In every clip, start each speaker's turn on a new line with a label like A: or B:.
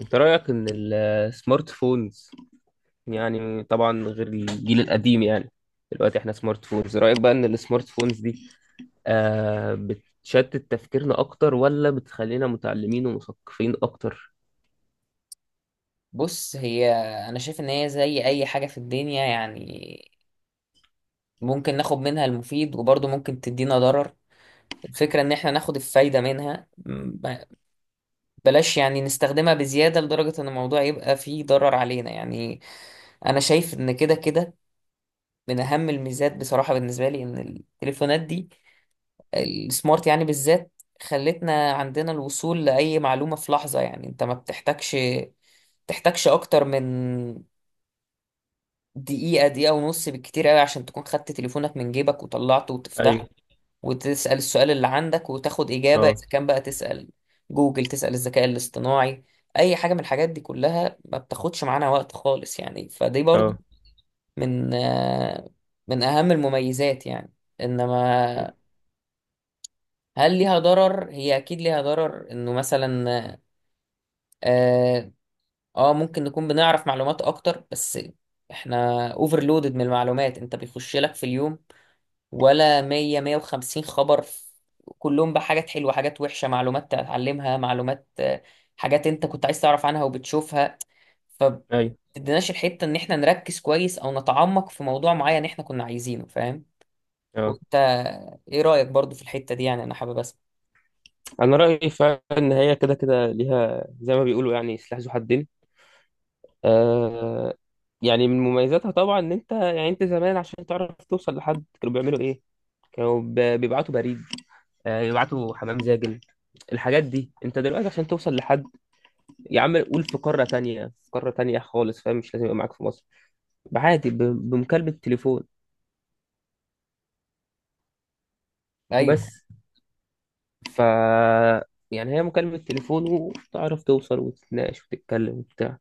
A: انت رأيك ان السمارت فونز، يعني طبعا غير الجيل القديم، يعني دلوقتي احنا سمارت فونز. رأيك بقى ان السمارت فونز دي بتشتت تفكيرنا اكتر، ولا بتخلينا متعلمين ومثقفين اكتر؟
B: بص، هي انا شايف ان هي زي اي حاجة في الدنيا، يعني ممكن ناخد منها المفيد وبرضه ممكن تدينا ضرر. الفكرة ان احنا ناخد الفايدة منها. بلاش يعني نستخدمها بزيادة لدرجة ان الموضوع يبقى فيه ضرر علينا، يعني انا شايف ان كده كده من اهم الميزات بصراحة بالنسبة لي ان التليفونات دي، السمارت يعني بالذات، خلتنا عندنا الوصول لأي معلومة في لحظة. يعني انت ما بتحتاجش اكتر من دقيقة، دقيقة ونص بالكتير قوي عشان تكون خدت تليفونك من جيبك وطلعته
A: ايوه.
B: وتفتحه وتسأل السؤال اللي عندك وتاخد إجابة.
A: اه.
B: إذا كان بقى تسأل جوجل، تسأل الذكاء الاصطناعي، أي حاجة من الحاجات دي كلها ما بتاخدش معانا وقت خالص، يعني فدي برضه
A: اه.
B: من آه، من أهم المميزات يعني.
A: مم.
B: إنما هل ليها ضرر؟ هي أكيد ليها ضرر، إنه مثلا آه ممكن نكون بنعرف معلومات أكتر، بس إحنا اوفرلودد من المعلومات. أنت بيخش لك في اليوم ولا 100 150 خبر، كلهم بقى حاجات حلوة، حاجات وحشة، معلومات تتعلمها، معلومات، حاجات انت كنت عايز تعرف عنها وبتشوفها،
A: ايوه.
B: فبتديناش الحتة ان احنا نركز كويس او نتعمق في موضوع معين احنا كنا عايزينه. فاهم؟
A: اه،
B: وانت ايه رأيك برضو في الحتة دي؟ يعني انا حابب اسمع.
A: انا رأيي فعلا ان هي كده كده ليها زي ما بيقولوا يعني سلاح ذو حدين. آه يعني من مميزاتها طبعا ان انت زمان، عشان تعرف توصل لحد كانوا بيعملوا ايه، كانوا بيبعتوا بريد، يبعتوا حمام زاجل. الحاجات دي انت دلوقتي عشان توصل لحد، يا عم قول في قارة تانية، في قارة تانية خالص، فاهم؟ مش لازم يبقى معاك في مصر، عادي بمكالمة تليفون
B: ايوه
A: بس. ف يعني هي مكالمة تليفون، وتعرف توصل وتتناقش وتتكلم وبتاع.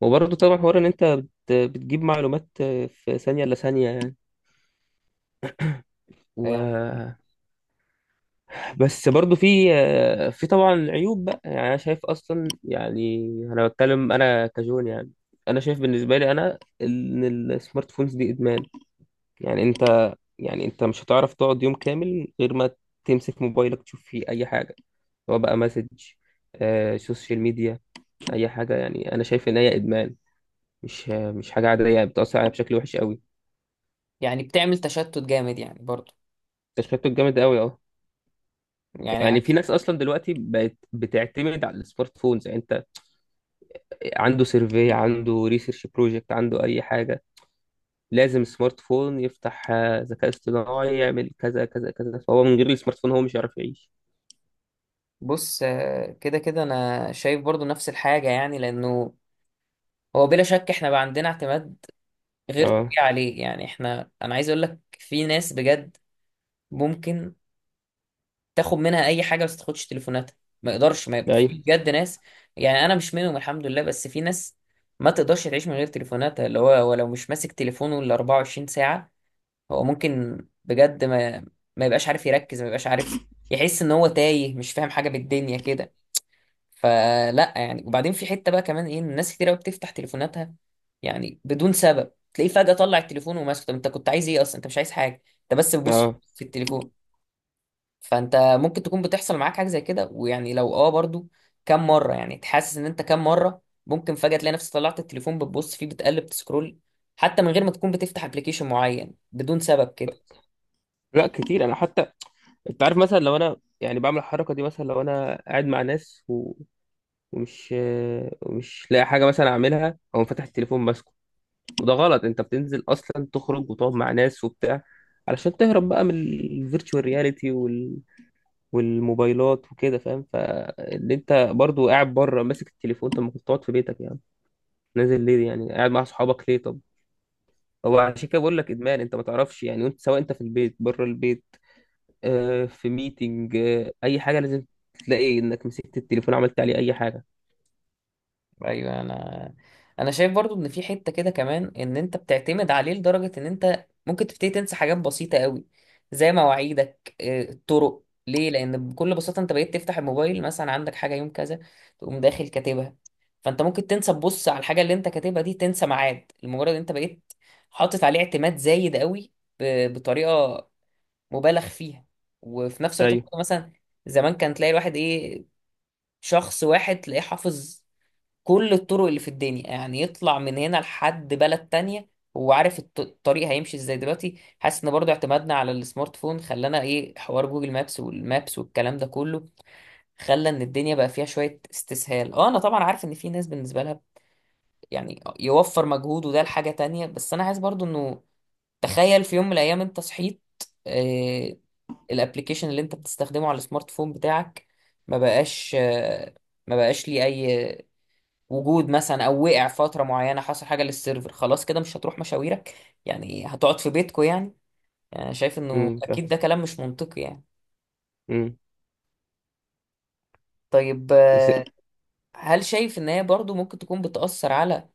A: وبرضه طبعا حوار ان انت بتجيب معلومات في ثانية إلا ثانية يعني.
B: يعني،
A: و بس برضو في طبعا عيوب بقى، يعني انا شايف اصلا، يعني انا بتكلم انا كجون يعني. انا شايف بالنسبه لي انا ان السمارت فونز دي ادمان. يعني انت مش هتعرف تقعد يوم كامل غير ما تمسك موبايلك تشوف فيه اي حاجه، سواء بقى مسج، سوشيال ميديا، اي حاجه. يعني انا شايف ان هي ادمان، مش حاجه عاديه، بتاثر عليها بشكل وحش قوي.
B: يعني بتعمل تشتت جامد يعني برضو.
A: تشبيهته جامد قوي، اه.
B: يعني عايز
A: يعني في
B: أقول-
A: ناس اصلا دلوقتي بقت بتعتمد على السمارت فونز، يعني انت عنده سيرفي، عنده ريسيرش بروجكت، عنده اي حاجه، لازم سمارت فون يفتح، ذكاء اصطناعي يعمل كذا كذا كذا. فهو من غير السمارت فون هو مش هيعرف يعيش.
B: بص، كده كده انا شايف برضو نفس الحاجة، يعني لانه هو بلا شك احنا بقى عندنا اعتماد غير
A: اه.
B: طبيعي عليه. يعني احنا انا عايز اقول لك في ناس بجد ممكن تاخد منها اي حاجه بس تاخدش تليفوناتها، ما يقدرش. ما في
A: ايوه.
B: بجد ناس، يعني انا مش منهم الحمد لله، بس في ناس ما تقدرش تعيش من غير تليفوناتها، اللي هو هو لو مش ماسك تليفونه ال 24 ساعه، هو ممكن بجد ما يبقاش عارف يركز، ما يبقاش عارف يحس ان هو تايه، مش فاهم حاجه بالدنيا كده. فلا يعني، وبعدين في حته بقى كمان ايه، إن الناس كتير قوي بتفتح تليفوناتها يعني بدون سبب. تلاقيه فجاه طلع التليفون وماسكه. طب انت كنت عايز ايه اصلا؟ انت مش عايز حاجه، انت بس بتبص
A: اه،
B: في التليفون. فانت ممكن تكون بتحصل معاك حاجه زي كده، ويعني لو برضو كم مره، يعني تحسس ان انت كم مره ممكن فجاه تلاقي نفسك طلعت التليفون بتبص فيه، بتقلب، تسكرول حتى من غير ما تكون بتفتح ابلكيشن معين بدون سبب كده.
A: لا كتير، انا حتى انت عارف، مثلا لو انا يعني بعمل الحركه دي، مثلا لو انا قاعد مع ناس ومش لاقي حاجه مثلا اعملها، او فاتح التليفون ماسكه. وده غلط، انت بتنزل اصلا تخرج وتقعد مع ناس وبتاع علشان تهرب بقى من الفيرتشوال رياليتي والموبايلات وكده، فاهم؟ فاللي انت برضو قاعد بره ماسك التليفون، طب ما كنت تقعد في بيتك يعني، نازل ليه يعني، قاعد مع اصحابك ليه؟ طب هو عشان كده بقول لك ادمان. انت ما تعرفش يعني، وانت سواء انت في البيت، بره البيت، في ميتنج، اي حاجه، لازم تلاقي انك مسكت التليفون عملت عليه اي حاجه.
B: ايوه، انا شايف برضو ان في حته كده كمان ان انت بتعتمد عليه لدرجه ان انت ممكن تبتدي تنسى حاجات بسيطه قوي زي مواعيدك، الطرق ليه، لان بكل بساطه انت بقيت تفتح الموبايل، مثلا عندك حاجه يوم كذا تقوم داخل كاتبها. فانت ممكن تنسى تبص على الحاجه اللي انت كاتبها دي، تنسى ميعاد لمجرد انت بقيت حاطط عليه اعتماد زايد قوي، بطريقه مبالغ فيها. وفي نفس الوقت
A: ايوه.
B: ممكن مثلا زمان كان تلاقي الواحد ايه، شخص واحد تلاقيه حافظ كل الطرق اللي في الدنيا، يعني يطلع من هنا لحد بلد تانية هو عارف الطريق هيمشي ازاي. دلوقتي حاسس ان برضو اعتمادنا على السمارت فون خلانا ايه، حوار جوجل مابس والمابس والكلام ده كله خلى ان الدنيا بقى فيها شوية استسهال. اه، انا طبعا عارف ان في ناس بالنسبة لها يعني يوفر مجهود وده لحاجة تانية، بس انا عايز برضو انه تخيل في يوم من الايام انت صحيت، آه الابليكيشن اللي انت بتستخدمه على السمارت فون بتاعك ما بقاش آه، ما بقاش ليه اي وجود، مثلا او وقع فتره معينه، حصل حاجه للسيرفر. خلاص كده مش هتروح مشاويرك، يعني هتقعد في بيتكو يعني. يعني أنا شايف انه
A: فاهم.
B: اكيد ده كلام مش منطقي يعني.
A: امم
B: طيب،
A: بس،
B: هل شايف ان هي برضو ممكن تكون بتأثر على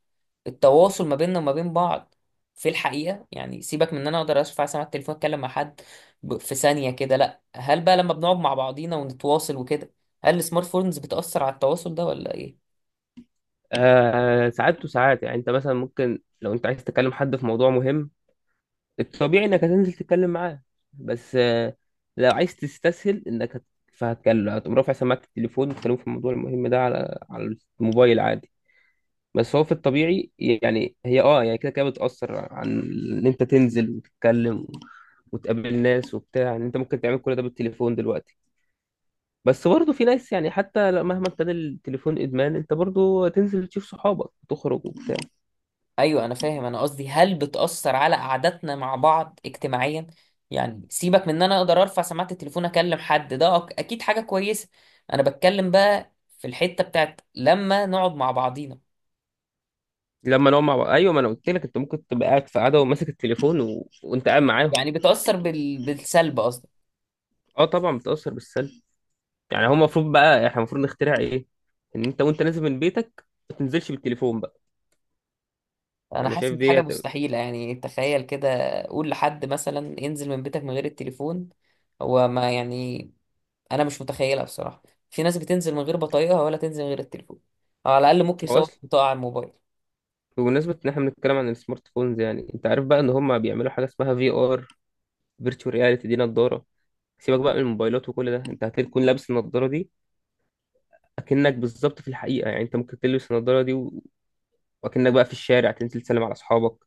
B: التواصل ما بيننا وما بين بعض في الحقيقة؟ يعني سيبك من ان انا اقدر ارفع سماعة التليفون اتكلم مع حد في ثانية كده، لا، هل بقى لما بنقعد مع بعضينا ونتواصل وكده، هل السمارت فونز بتأثر على التواصل ده ولا ايه؟
A: ساعات وساعات يعني، انت مثلا ممكن لو انت عايز تكلم حد في موضوع مهم، الطبيعي انك هتنزل تتكلم معاه. بس لو عايز تستسهل انك فهتكلم، هتقوم رافع سماعة التليفون وتكلمه في الموضوع المهم ده على الموبايل عادي. بس هو في الطبيعي يعني هي، يعني كده كده بتأثر عن ان انت تنزل وتتكلم وتقابل ناس وبتاع، ان انت ممكن تعمل كل ده بالتليفون دلوقتي. بس برضه في ناس، يعني حتى مهما ابتدى التليفون ادمان، انت برضه تنزل تشوف صحابك وتخرج وبتاع.
B: ايوه انا فاهم. انا قصدي هل بتأثر على قعدتنا مع بعض اجتماعيا؟ يعني سيبك من ان انا اقدر ارفع سماعة التليفون اكلم حد، ده اكيد حاجة كويسة. انا بتكلم بقى في الحتة بتاعت لما نقعد مع بعضينا،
A: لما نقعد مع بعض، ايوه، ما انا قلت لك انت ممكن تبقى قاعد في قعده وماسك التليفون وانت قاعد معاهم.
B: يعني بتأثر بالسلب قصدي.
A: اه، طبعا بتأثر بالسلب. يعني هو المفروض بقى احنا المفروض نخترع ايه؟ ان انت وانت نازل من بيتك ما تنزلش بالتليفون بقى.
B: انا
A: انا
B: حاسس ان
A: شايف
B: دي
A: دي
B: حاجة مستحيلة يعني. تخيل كده، قول لحد مثلا انزل من بيتك من غير التليفون، هو ما يعني، انا مش متخيلها بصراحة. في ناس بتنزل من غير بطايقها، ولا تنزل من غير التليفون، أو على الاقل ممكن
A: هو
B: يصور
A: اصل،
B: بطاقة على الموبايل.
A: بمناسبة ان احنا بنتكلم عن السمارت فونز، يعني انت عارف بقى ان هم بيعملوا حاجة اسمها في ار، فيرتشوال رياليتي، دي نضارة. سيبك بقى من الموبايلات وكل ده، انت هتكون لابس النضارة دي، اكنك بالظبط في الحقيقة. يعني انت ممكن تلبس النضارة دي واكنك بقى في الشارع، تنزل تسلم على اصحابك،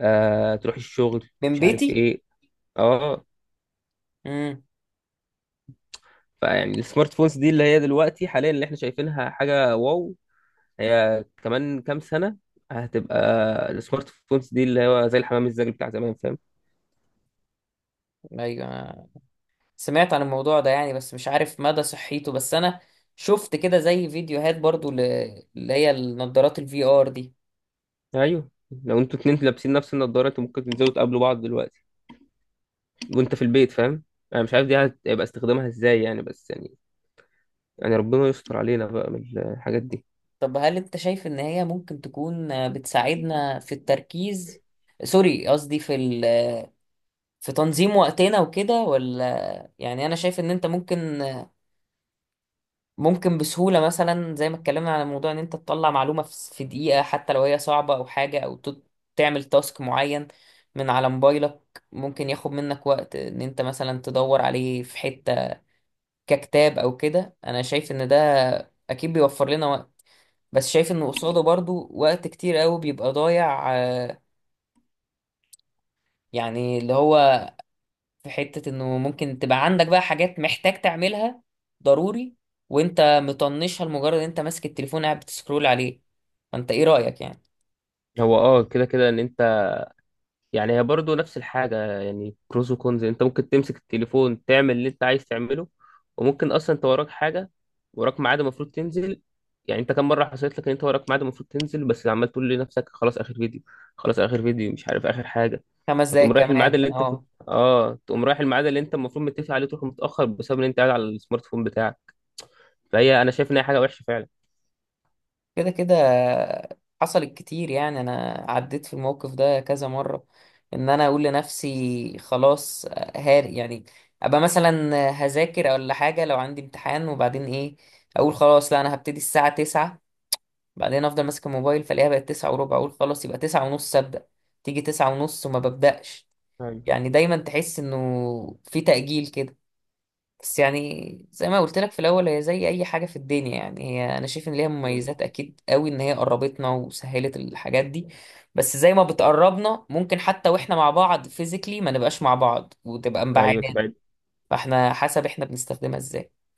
A: تروح الشغل،
B: من
A: مش عارف
B: بيتي.
A: ايه. اه.
B: مم.
A: فيعني السمارت فونز دي اللي هي دلوقتي حاليا، اللي احنا شايفينها حاجة واو، هي كمان كام سنة هتبقى السمارت فونز دي اللي هو زي الحمام الزاجل بتاع زمان، فاهم؟
B: ايوه أنا سمعت عن الموضوع ده يعني، بس مش عارف مدى صحيته، بس انا شفت كده زي فيديوهات برضو اللي هي النضارات الفي ار دي.
A: ايوه. لو انتوا اتنين لابسين نفس النضارة، انتوا ممكن تنزلوا تقابلوا بعض دلوقتي وانت في البيت، فاهم؟ انا مش عارف دي هيبقى استخدامها ازاي يعني، بس يعني ربنا يستر علينا بقى من الحاجات دي.
B: طب هل انت شايف ان هي ممكن تكون بتساعدنا في التركيز، سوري قصدي في تنظيم وقتنا وكده، ولا يعني انا شايف ان انت ممكن، ممكن بسهولة مثلا زي ما اتكلمنا على موضوع ان انت تطلع معلومة في دقيقة حتى لو هي صعبة، او حاجة، او تعمل تاسك معين من على موبايلك ممكن ياخد منك وقت ان انت مثلا تدور عليه في حتة ككتاب او كده. انا شايف ان ده اكيد بيوفر لنا وقت، بس شايف ان قصاده برضو وقت كتير قوي بيبقى ضايع، يعني اللي هو في حتة انه ممكن تبقى عندك بقى حاجات محتاج تعملها ضروري وانت مطنشها لمجرد انت ماسك التليفون قاعد بتسكرول عليه. فانت ايه رأيك يعني؟
A: هو كده كده ان انت، يعني هي برضه نفس الحاجة، يعني بروز وكونز. انت ممكن تمسك التليفون تعمل اللي انت عايز تعمله، وممكن اصلا انت وراك حاجة، وراك ميعاد المفروض تنزل. يعني انت كم مرة حصلت لك ان انت وراك ميعاد المفروض تنزل، بس عمال تقول لنفسك خلاص اخر فيديو، خلاص اخر فيديو، مش عارف اخر حاجة.
B: خمس
A: فتقوم
B: دقايق
A: رايح الميعاد
B: كمان
A: اللي انت كنت،
B: اه.
A: تقوم رايح الميعاد اللي انت المفروض متفق عليه، تروح متأخر بسبب ان انت قاعد على السمارت فون بتاعك. فهي انا شايف ان هي حاجة وحشة فعلا.
B: كده كده حصلت كتير، يعني انا عديت في الموقف ده كذا مرة، ان انا اقول لنفسي خلاص، هار يعني، ابقى مثلا هذاكر ولا حاجة لو عندي امتحان. وبعدين ايه، اقول خلاص لا انا هبتدي الساعة 9، بعدين افضل ماسك الموبايل فالاقيها بقت 9:15، اقول خلاص يبقى 9:30 ابدا. تيجي 9:30 وما ببداش.
A: ايوه.
B: يعني دايما تحس انه في تأجيل كده. بس يعني زي ما قلت لك في الاول هي زي اي حاجة في الدنيا، يعني هي انا شايف ان ليها مميزات اكيد قوي، ان هي قربتنا وسهلت الحاجات دي، بس زي ما بتقربنا ممكن حتى واحنا مع بعض فيزيكلي ما نبقاش مع بعض وتبقى
A: ايوه
B: مبعدانا،
A: تبقى
B: فاحنا حسب احنا بنستخدمها ازاي.